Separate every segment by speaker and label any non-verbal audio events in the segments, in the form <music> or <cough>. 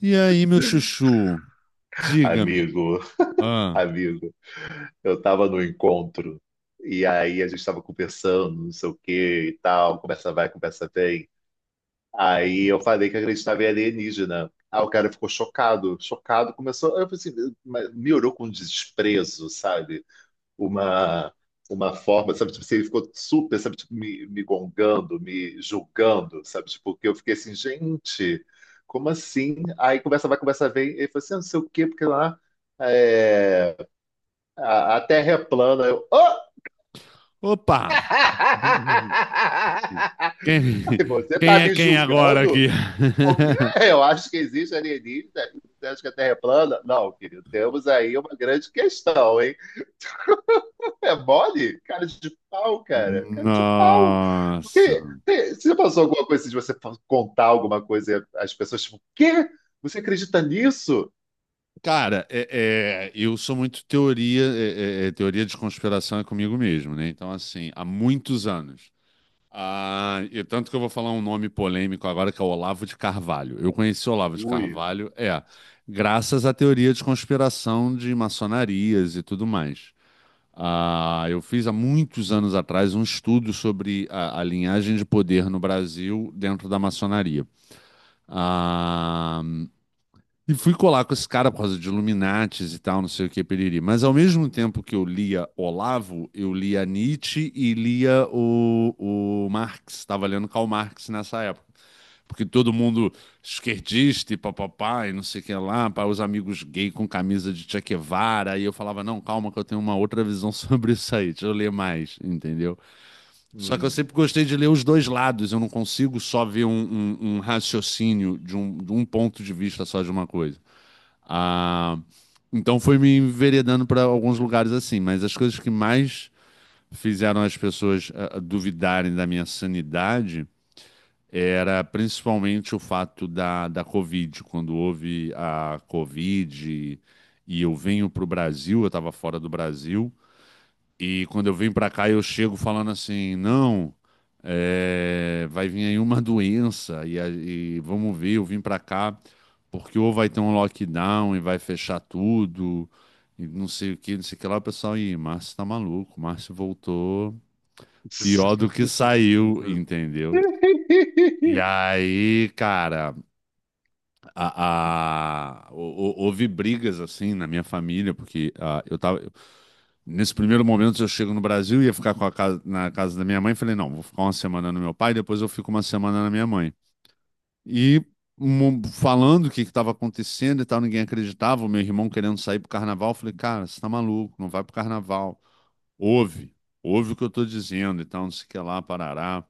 Speaker 1: E aí, meu chuchu, diga-me.
Speaker 2: Amigo,
Speaker 1: Ah,
Speaker 2: amigo, eu tava no encontro e aí a gente tava conversando, não sei o que e tal, conversa vai, conversa vem. Aí eu falei que acreditava em alienígena. Aí o cara ficou chocado, chocado, começou, eu falei assim, mas me olhou com desprezo, sabe? Uma uma forma, sabe, tipo, assim, ele ficou super, sabe, tipo, me gongando, me julgando, sabe, tipo, que eu fiquei assim, gente, como assim? Aí conversa vai, conversa vem, ele falou assim, ah, não sei o quê, porque lá é, a Terra é plana. Eu, "Hã?
Speaker 1: opa!
Speaker 2: <laughs>
Speaker 1: Quem,
Speaker 2: Aí você tá
Speaker 1: quem é
Speaker 2: me
Speaker 1: quem agora
Speaker 2: julgando?
Speaker 1: aqui?
Speaker 2: Porque eu acho que existe alienígena. Você acha que a Terra é plana? Não, querido. Temos aí uma grande questão, hein? É mole? Cara de pau,
Speaker 1: <laughs>
Speaker 2: cara. Cara de pau.
Speaker 1: Nossa.
Speaker 2: Porque, você passou alguma coisa assim de você contar alguma coisa e as pessoas, tipo, quê? Você acredita nisso?
Speaker 1: Cara, eu sou muito teoria, teoria de conspiração é comigo mesmo, né? Então, assim, há muitos anos. Ah, e tanto que eu vou falar um nome polêmico agora, que é o Olavo de Carvalho. Eu conheci o Olavo de
Speaker 2: Ui.
Speaker 1: Carvalho, graças à teoria de conspiração de maçonarias e tudo mais. Ah, eu fiz há muitos anos atrás um estudo sobre a linhagem de poder no Brasil dentro da maçonaria. Ah, e fui colar com esse cara por causa de Illuminates e tal, não sei o que, periri. Mas ao mesmo tempo que eu lia Olavo, eu lia Nietzsche e lia o Marx. Estava lendo Karl Marx nessa época porque todo mundo esquerdista e papapá e não sei o que lá, para os amigos gay com camisa de Che Guevara, e eu falava, não, calma que eu tenho uma outra visão <laughs> sobre isso aí, deixa eu ler mais, entendeu? Só que eu
Speaker 2: Hum.
Speaker 1: sempre gostei de ler os dois lados, eu não consigo só ver um, um raciocínio de um ponto de vista só de uma coisa. Ah, então foi me enveredando para alguns lugares assim, mas as coisas que mais fizeram as pessoas duvidarem da minha sanidade era principalmente o fato da Covid. Quando houve a Covid e eu venho para o Brasil, eu estava fora do Brasil, e quando eu venho para cá eu chego falando assim, não, vai vir aí uma <laughs> doença e, e vamos ver, eu vim para cá porque ou vai ter um lockdown e vai fechar tudo, e não sei o que, não sei o que lá, o pessoal, ih, Márcio tá maluco, Márcio voltou pior do que saiu,
Speaker 2: <laughs>
Speaker 1: entendeu? E aí, cara, houve brigas assim na minha família, porque ah, eu tava. Nesse primeiro momento eu chego no Brasil, ia ficar com a casa, na casa da minha mãe. Falei, não, vou ficar uma semana no meu pai, depois eu fico uma semana na minha mãe. E falando o que estava acontecendo e tal, ninguém acreditava. O meu irmão querendo sair pro carnaval. Eu falei, cara, você tá maluco, não vai pro carnaval. Ouve, ouve o que eu tô dizendo, então não sei o que lá, parará.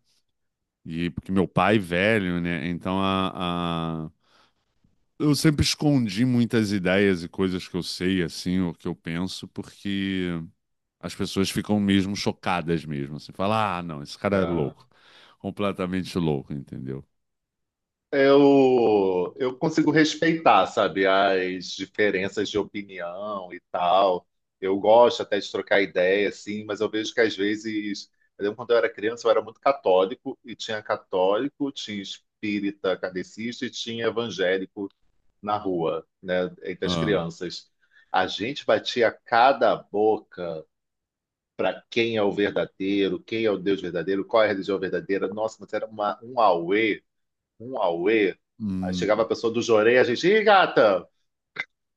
Speaker 1: E porque meu pai é velho, né? Então a, eu sempre escondi muitas ideias e coisas que eu sei, assim, ou que eu penso, porque as pessoas ficam mesmo chocadas mesmo, assim, fala, ah, não, esse cara é
Speaker 2: Ah.
Speaker 1: louco, completamente louco, entendeu?
Speaker 2: Eu consigo respeitar, sabe, as diferenças de opinião e tal. Eu gosto até de trocar ideia, assim, mas eu vejo que às vezes, eu lembro quando eu era criança, eu era muito católico, e tinha católico, tinha espírita kardecista e tinha evangélico na rua, né, entre as
Speaker 1: Ah,
Speaker 2: crianças. A gente batia cada boca para quem é o verdadeiro, quem é o Deus verdadeiro, qual é a religião verdadeira. Nossa, mas era uma, um auê. Um auê. Aí chegava a
Speaker 1: hum.
Speaker 2: pessoa do Jorei, a gente, ih, gata!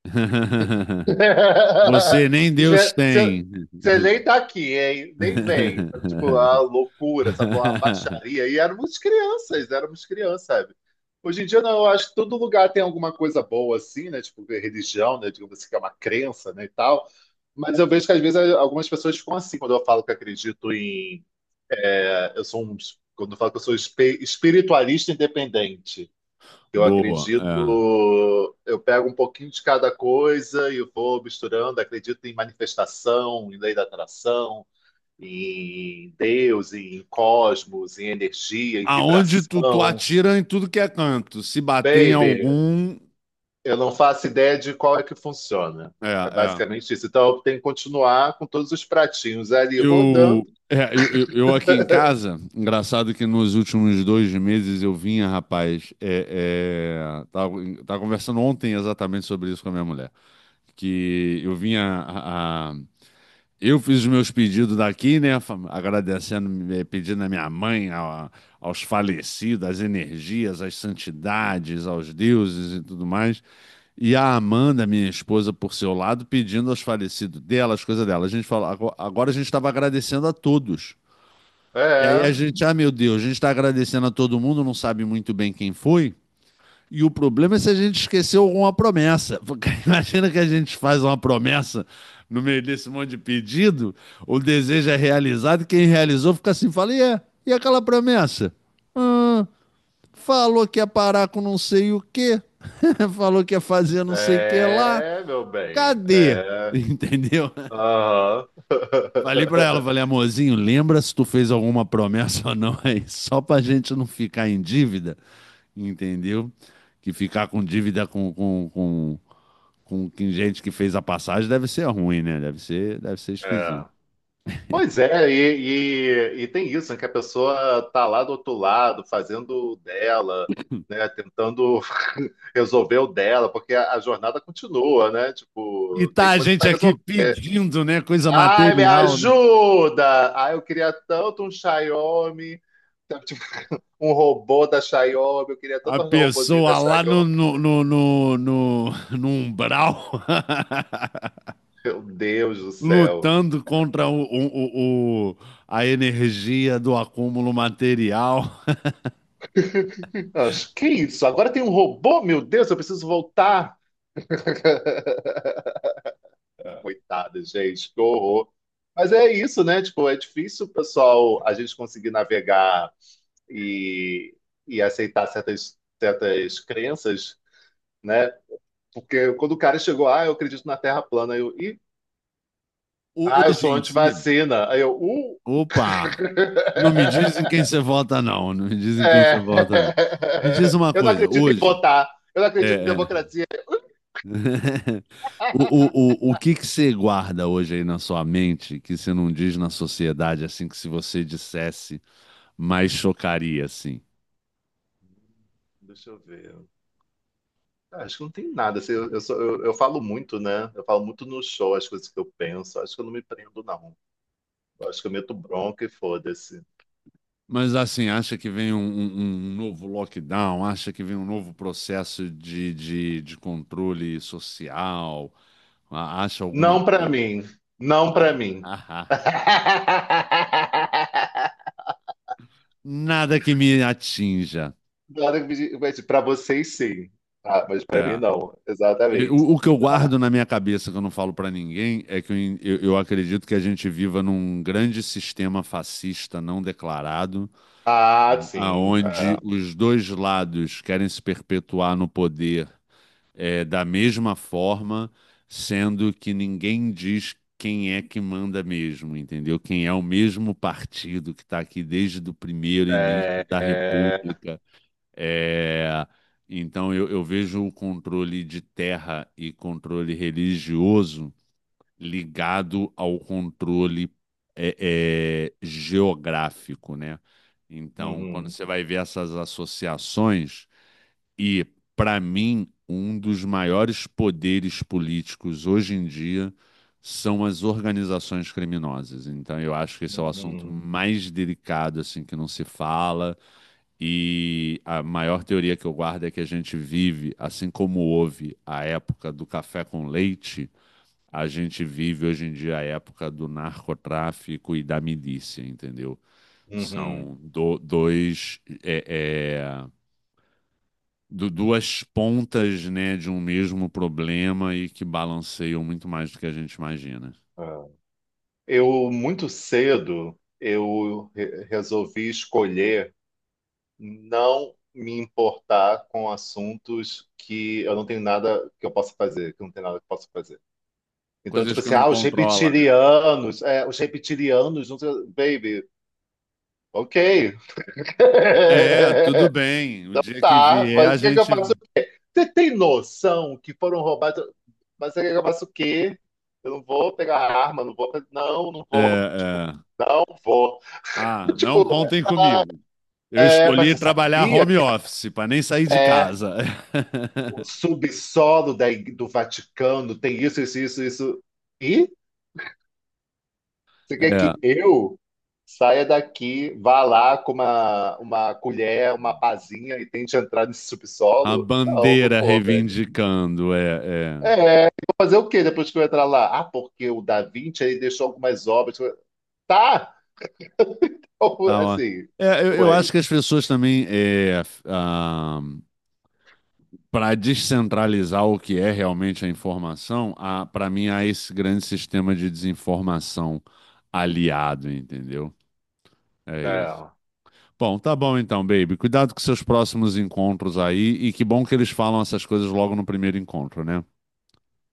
Speaker 1: <laughs> Você nem
Speaker 2: <laughs>
Speaker 1: Deus tem.
Speaker 2: Você nem tá aqui, hein? Nem vem. Sabe? Tipo, a
Speaker 1: <laughs>
Speaker 2: loucura, sabe? Uma baixaria. E éramos crianças, sabe? Hoje em dia, não, eu acho que todo lugar tem alguma coisa boa, assim, né? Tipo, religião, né? Digamos assim, que é uma crença, né? E tal. Mas eu vejo que às vezes algumas pessoas ficam assim quando eu falo que acredito em. Eu sou um. Quando eu falo que eu sou espiritualista independente. Eu
Speaker 1: Boa, é.
Speaker 2: acredito, eu pego um pouquinho de cada coisa e vou misturando. Acredito em manifestação, em lei da atração, em Deus, em cosmos, em energia, em
Speaker 1: Aonde tu, tu
Speaker 2: vibração.
Speaker 1: atira em tudo que é canto, se bater em
Speaker 2: Baby,
Speaker 1: algum,
Speaker 2: eu não faço ideia de qual é que funciona.
Speaker 1: é,
Speaker 2: É
Speaker 1: é.
Speaker 2: basicamente isso. Então eu tenho que continuar com todos os pratinhos ali rodando.
Speaker 1: Eu aqui em casa, engraçado que nos últimos dois meses eu vinha, rapaz, tava, tava conversando ontem exatamente sobre isso com a minha mulher, que eu vinha eu fiz os meus pedidos daqui, né? Agradecendo, pedindo à minha mãe, aos falecidos, às energias, às santidades, aos deuses e tudo mais. E a Amanda, minha esposa, por seu lado, pedindo aos falecidos dela, as coisas dela. A gente falou, agora a gente estava agradecendo a todos. E aí a
Speaker 2: É,
Speaker 1: gente, ah, meu Deus, a gente está agradecendo a todo mundo, não sabe muito bem quem foi. E o problema é se a gente esqueceu alguma promessa. Porque <laughs> imagina que a gente faz uma promessa no meio desse monte de pedido, o desejo é realizado, e quem realizou fica assim, fala, e aquela promessa? Hum, falou que ia parar com não sei o quê, <laughs> falou que ia fazer não sei o que lá,
Speaker 2: é, meu bem.
Speaker 1: cadê? <laughs>
Speaker 2: É.
Speaker 1: Entendeu?
Speaker 2: Aham.
Speaker 1: Falei pra ela, falei,
Speaker 2: <laughs>
Speaker 1: amorzinho, lembra se tu fez alguma promessa ou não aí, só pra gente não ficar em dívida entendeu? Que ficar com dívida com, gente que fez a passagem deve ser ruim, né? Deve ser esquisito.
Speaker 2: É. Pois é, e tem isso, né, que a pessoa tá lá do outro lado, fazendo o dela, né, tentando <laughs> resolver o dela, porque a jornada continua, né?
Speaker 1: E
Speaker 2: Tipo,
Speaker 1: tá
Speaker 2: tem
Speaker 1: a
Speaker 2: coisa
Speaker 1: gente
Speaker 2: para
Speaker 1: aqui
Speaker 2: resolver.
Speaker 1: pedindo, né? Coisa
Speaker 2: Ai, me
Speaker 1: material, né?
Speaker 2: ajuda! Ai, eu queria tanto um Xiaomi, sabe, tipo, um robô da Xiaomi, eu queria
Speaker 1: A
Speaker 2: tanto um robôzinho da
Speaker 1: pessoa lá
Speaker 2: Xiaomi.
Speaker 1: no umbral <laughs>
Speaker 2: Meu Deus do céu.
Speaker 1: lutando contra a energia do acúmulo material. <laughs>
Speaker 2: <laughs> Que é isso? Agora tem um robô? Meu Deus, eu preciso voltar. Coitada, gente, que horror. Mas é isso, né? Tipo, é difícil, pessoal, a gente conseguir navegar e, e aceitar certas, certas crenças, né? Porque quando o cara chegou, ah, eu acredito na Terra plana, eu, e, ah, eu
Speaker 1: Hoje
Speaker 2: sou
Speaker 1: em si,
Speaker 2: antivacina. Aí eu!
Speaker 1: opa, não me dizem quem
Speaker 2: <laughs>
Speaker 1: você vota, não. Não me dizem quem você vota, não.
Speaker 2: É.
Speaker 1: Me diz uma
Speaker 2: Eu não
Speaker 1: coisa,
Speaker 2: acredito em
Speaker 1: hoje.
Speaker 2: votar, eu não
Speaker 1: É.
Speaker 2: acredito em
Speaker 1: É.
Speaker 2: democracia.
Speaker 1: <laughs> O,
Speaker 2: <laughs>
Speaker 1: o que que você guarda hoje aí na sua mente que você não diz na sociedade, assim, que se você dissesse, mais chocaria, assim?
Speaker 2: Deixa eu ver. Ah, acho que não tem nada. Assim, eu falo muito, né? Eu falo muito no show as coisas que eu penso. Acho que eu não me prendo, não. Eu acho que eu meto bronca e foda-se.
Speaker 1: Mas, assim, acha que vem um, um novo lockdown? Acha que vem um novo processo de controle social? Acha alguma
Speaker 2: Não pra
Speaker 1: coisa?
Speaker 2: mim. Não pra
Speaker 1: Ah, <laughs>
Speaker 2: mim.
Speaker 1: ah, ah.
Speaker 2: <laughs>
Speaker 1: Nada que me atinja.
Speaker 2: Claro que me di- mas pra vocês, sim. Ah, mas pra mim,
Speaker 1: É.
Speaker 2: não. Exatamente.
Speaker 1: O que eu guardo na minha cabeça, que eu não falo pra ninguém, é que eu, eu acredito que a gente viva num grande sistema fascista não declarado,
Speaker 2: Ah, sim.
Speaker 1: aonde os dois lados querem se perpetuar no poder da mesma forma, sendo que ninguém diz quem é que manda mesmo, entendeu? Quem é o mesmo partido que está aqui desde o primeiro início
Speaker 2: É.
Speaker 1: da
Speaker 2: É, é.
Speaker 1: República. É, então eu vejo o controle de terra e controle religioso ligado ao controle geográfico, né? Então, quando
Speaker 2: Uhum,
Speaker 1: você vai ver essas associações, e para mim, um dos maiores poderes políticos hoje em dia são as organizações criminosas. Então, eu acho que esse é o assunto
Speaker 2: uhum,
Speaker 1: mais delicado assim que não se fala e a maior teoria que eu guardo é que a gente vive, assim como houve a época do café com leite, a gente vive hoje em dia a época do narcotráfico e da milícia, entendeu?
Speaker 2: uhum.
Speaker 1: São dois, duas pontas, né, de um mesmo problema e que balanceiam muito mais do que a gente imagina.
Speaker 2: É. Eu, muito cedo, eu resolvi escolher. Não me importar com assuntos que eu não tenho nada que eu possa fazer, que eu não tenho nada que eu possa fazer. Então,
Speaker 1: Coisas
Speaker 2: tipo
Speaker 1: que
Speaker 2: assim,
Speaker 1: não
Speaker 2: ah, os
Speaker 1: controla, né?
Speaker 2: reptilianos, é, os reptilianos, não sei, baby, ok.
Speaker 1: É, tudo
Speaker 2: <laughs>
Speaker 1: bem. O dia que
Speaker 2: Tá,
Speaker 1: vier,
Speaker 2: mas o
Speaker 1: a
Speaker 2: que é que eu
Speaker 1: gente.
Speaker 2: faço? Você tem noção que foram roubados? Mas o que é que eu faço o quê? Eu não vou pegar a arma, não vou, não, não
Speaker 1: É,
Speaker 2: vou, tipo,
Speaker 1: é.
Speaker 2: não vou.
Speaker 1: Ah,
Speaker 2: <laughs>
Speaker 1: não
Speaker 2: Tipo,
Speaker 1: contem
Speaker 2: ah,
Speaker 1: comigo. Eu
Speaker 2: é, mas
Speaker 1: escolhi
Speaker 2: você
Speaker 1: trabalhar
Speaker 2: sabia?
Speaker 1: home office para nem sair de
Speaker 2: É,
Speaker 1: casa.
Speaker 2: o
Speaker 1: <laughs>
Speaker 2: subsolo da do Vaticano tem isso, isso, isso, isso. E você quer
Speaker 1: É,
Speaker 2: que eu saia daqui, vá lá com uma colher, uma pazinha e tente entrar nesse
Speaker 1: a
Speaker 2: subsolo? Não, não
Speaker 1: bandeira
Speaker 2: vou, velho.
Speaker 1: reivindicando, é, é.
Speaker 2: É, vou fazer o quê depois que eu entrar lá? Ah, porque o Da Vinci ele deixou algumas obras. Tá!
Speaker 1: Tá,
Speaker 2: <laughs>
Speaker 1: ó.
Speaker 2: Assim,
Speaker 1: Eu
Speaker 2: ué.
Speaker 1: acho que as pessoas também, é, para descentralizar o que é realmente a informação, para mim há esse grande sistema de desinformação aliado, entendeu? É isso.
Speaker 2: Não.
Speaker 1: Bom, tá bom então, baby. Cuidado com seus próximos encontros aí. E que bom que eles falam essas coisas logo no primeiro encontro, né?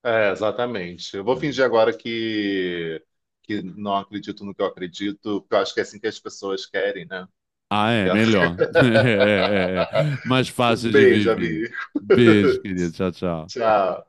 Speaker 2: É, exatamente. Eu vou fingir
Speaker 1: É.
Speaker 2: agora que não acredito no que eu acredito, porque eu acho que é assim que as pessoas querem, né?
Speaker 1: Ah, é, melhor. <laughs> É, é, é. Mais
Speaker 2: Um
Speaker 1: fácil de
Speaker 2: beijo,
Speaker 1: viver.
Speaker 2: amigo.
Speaker 1: Beijo, querido. Tchau, tchau.
Speaker 2: Tchau.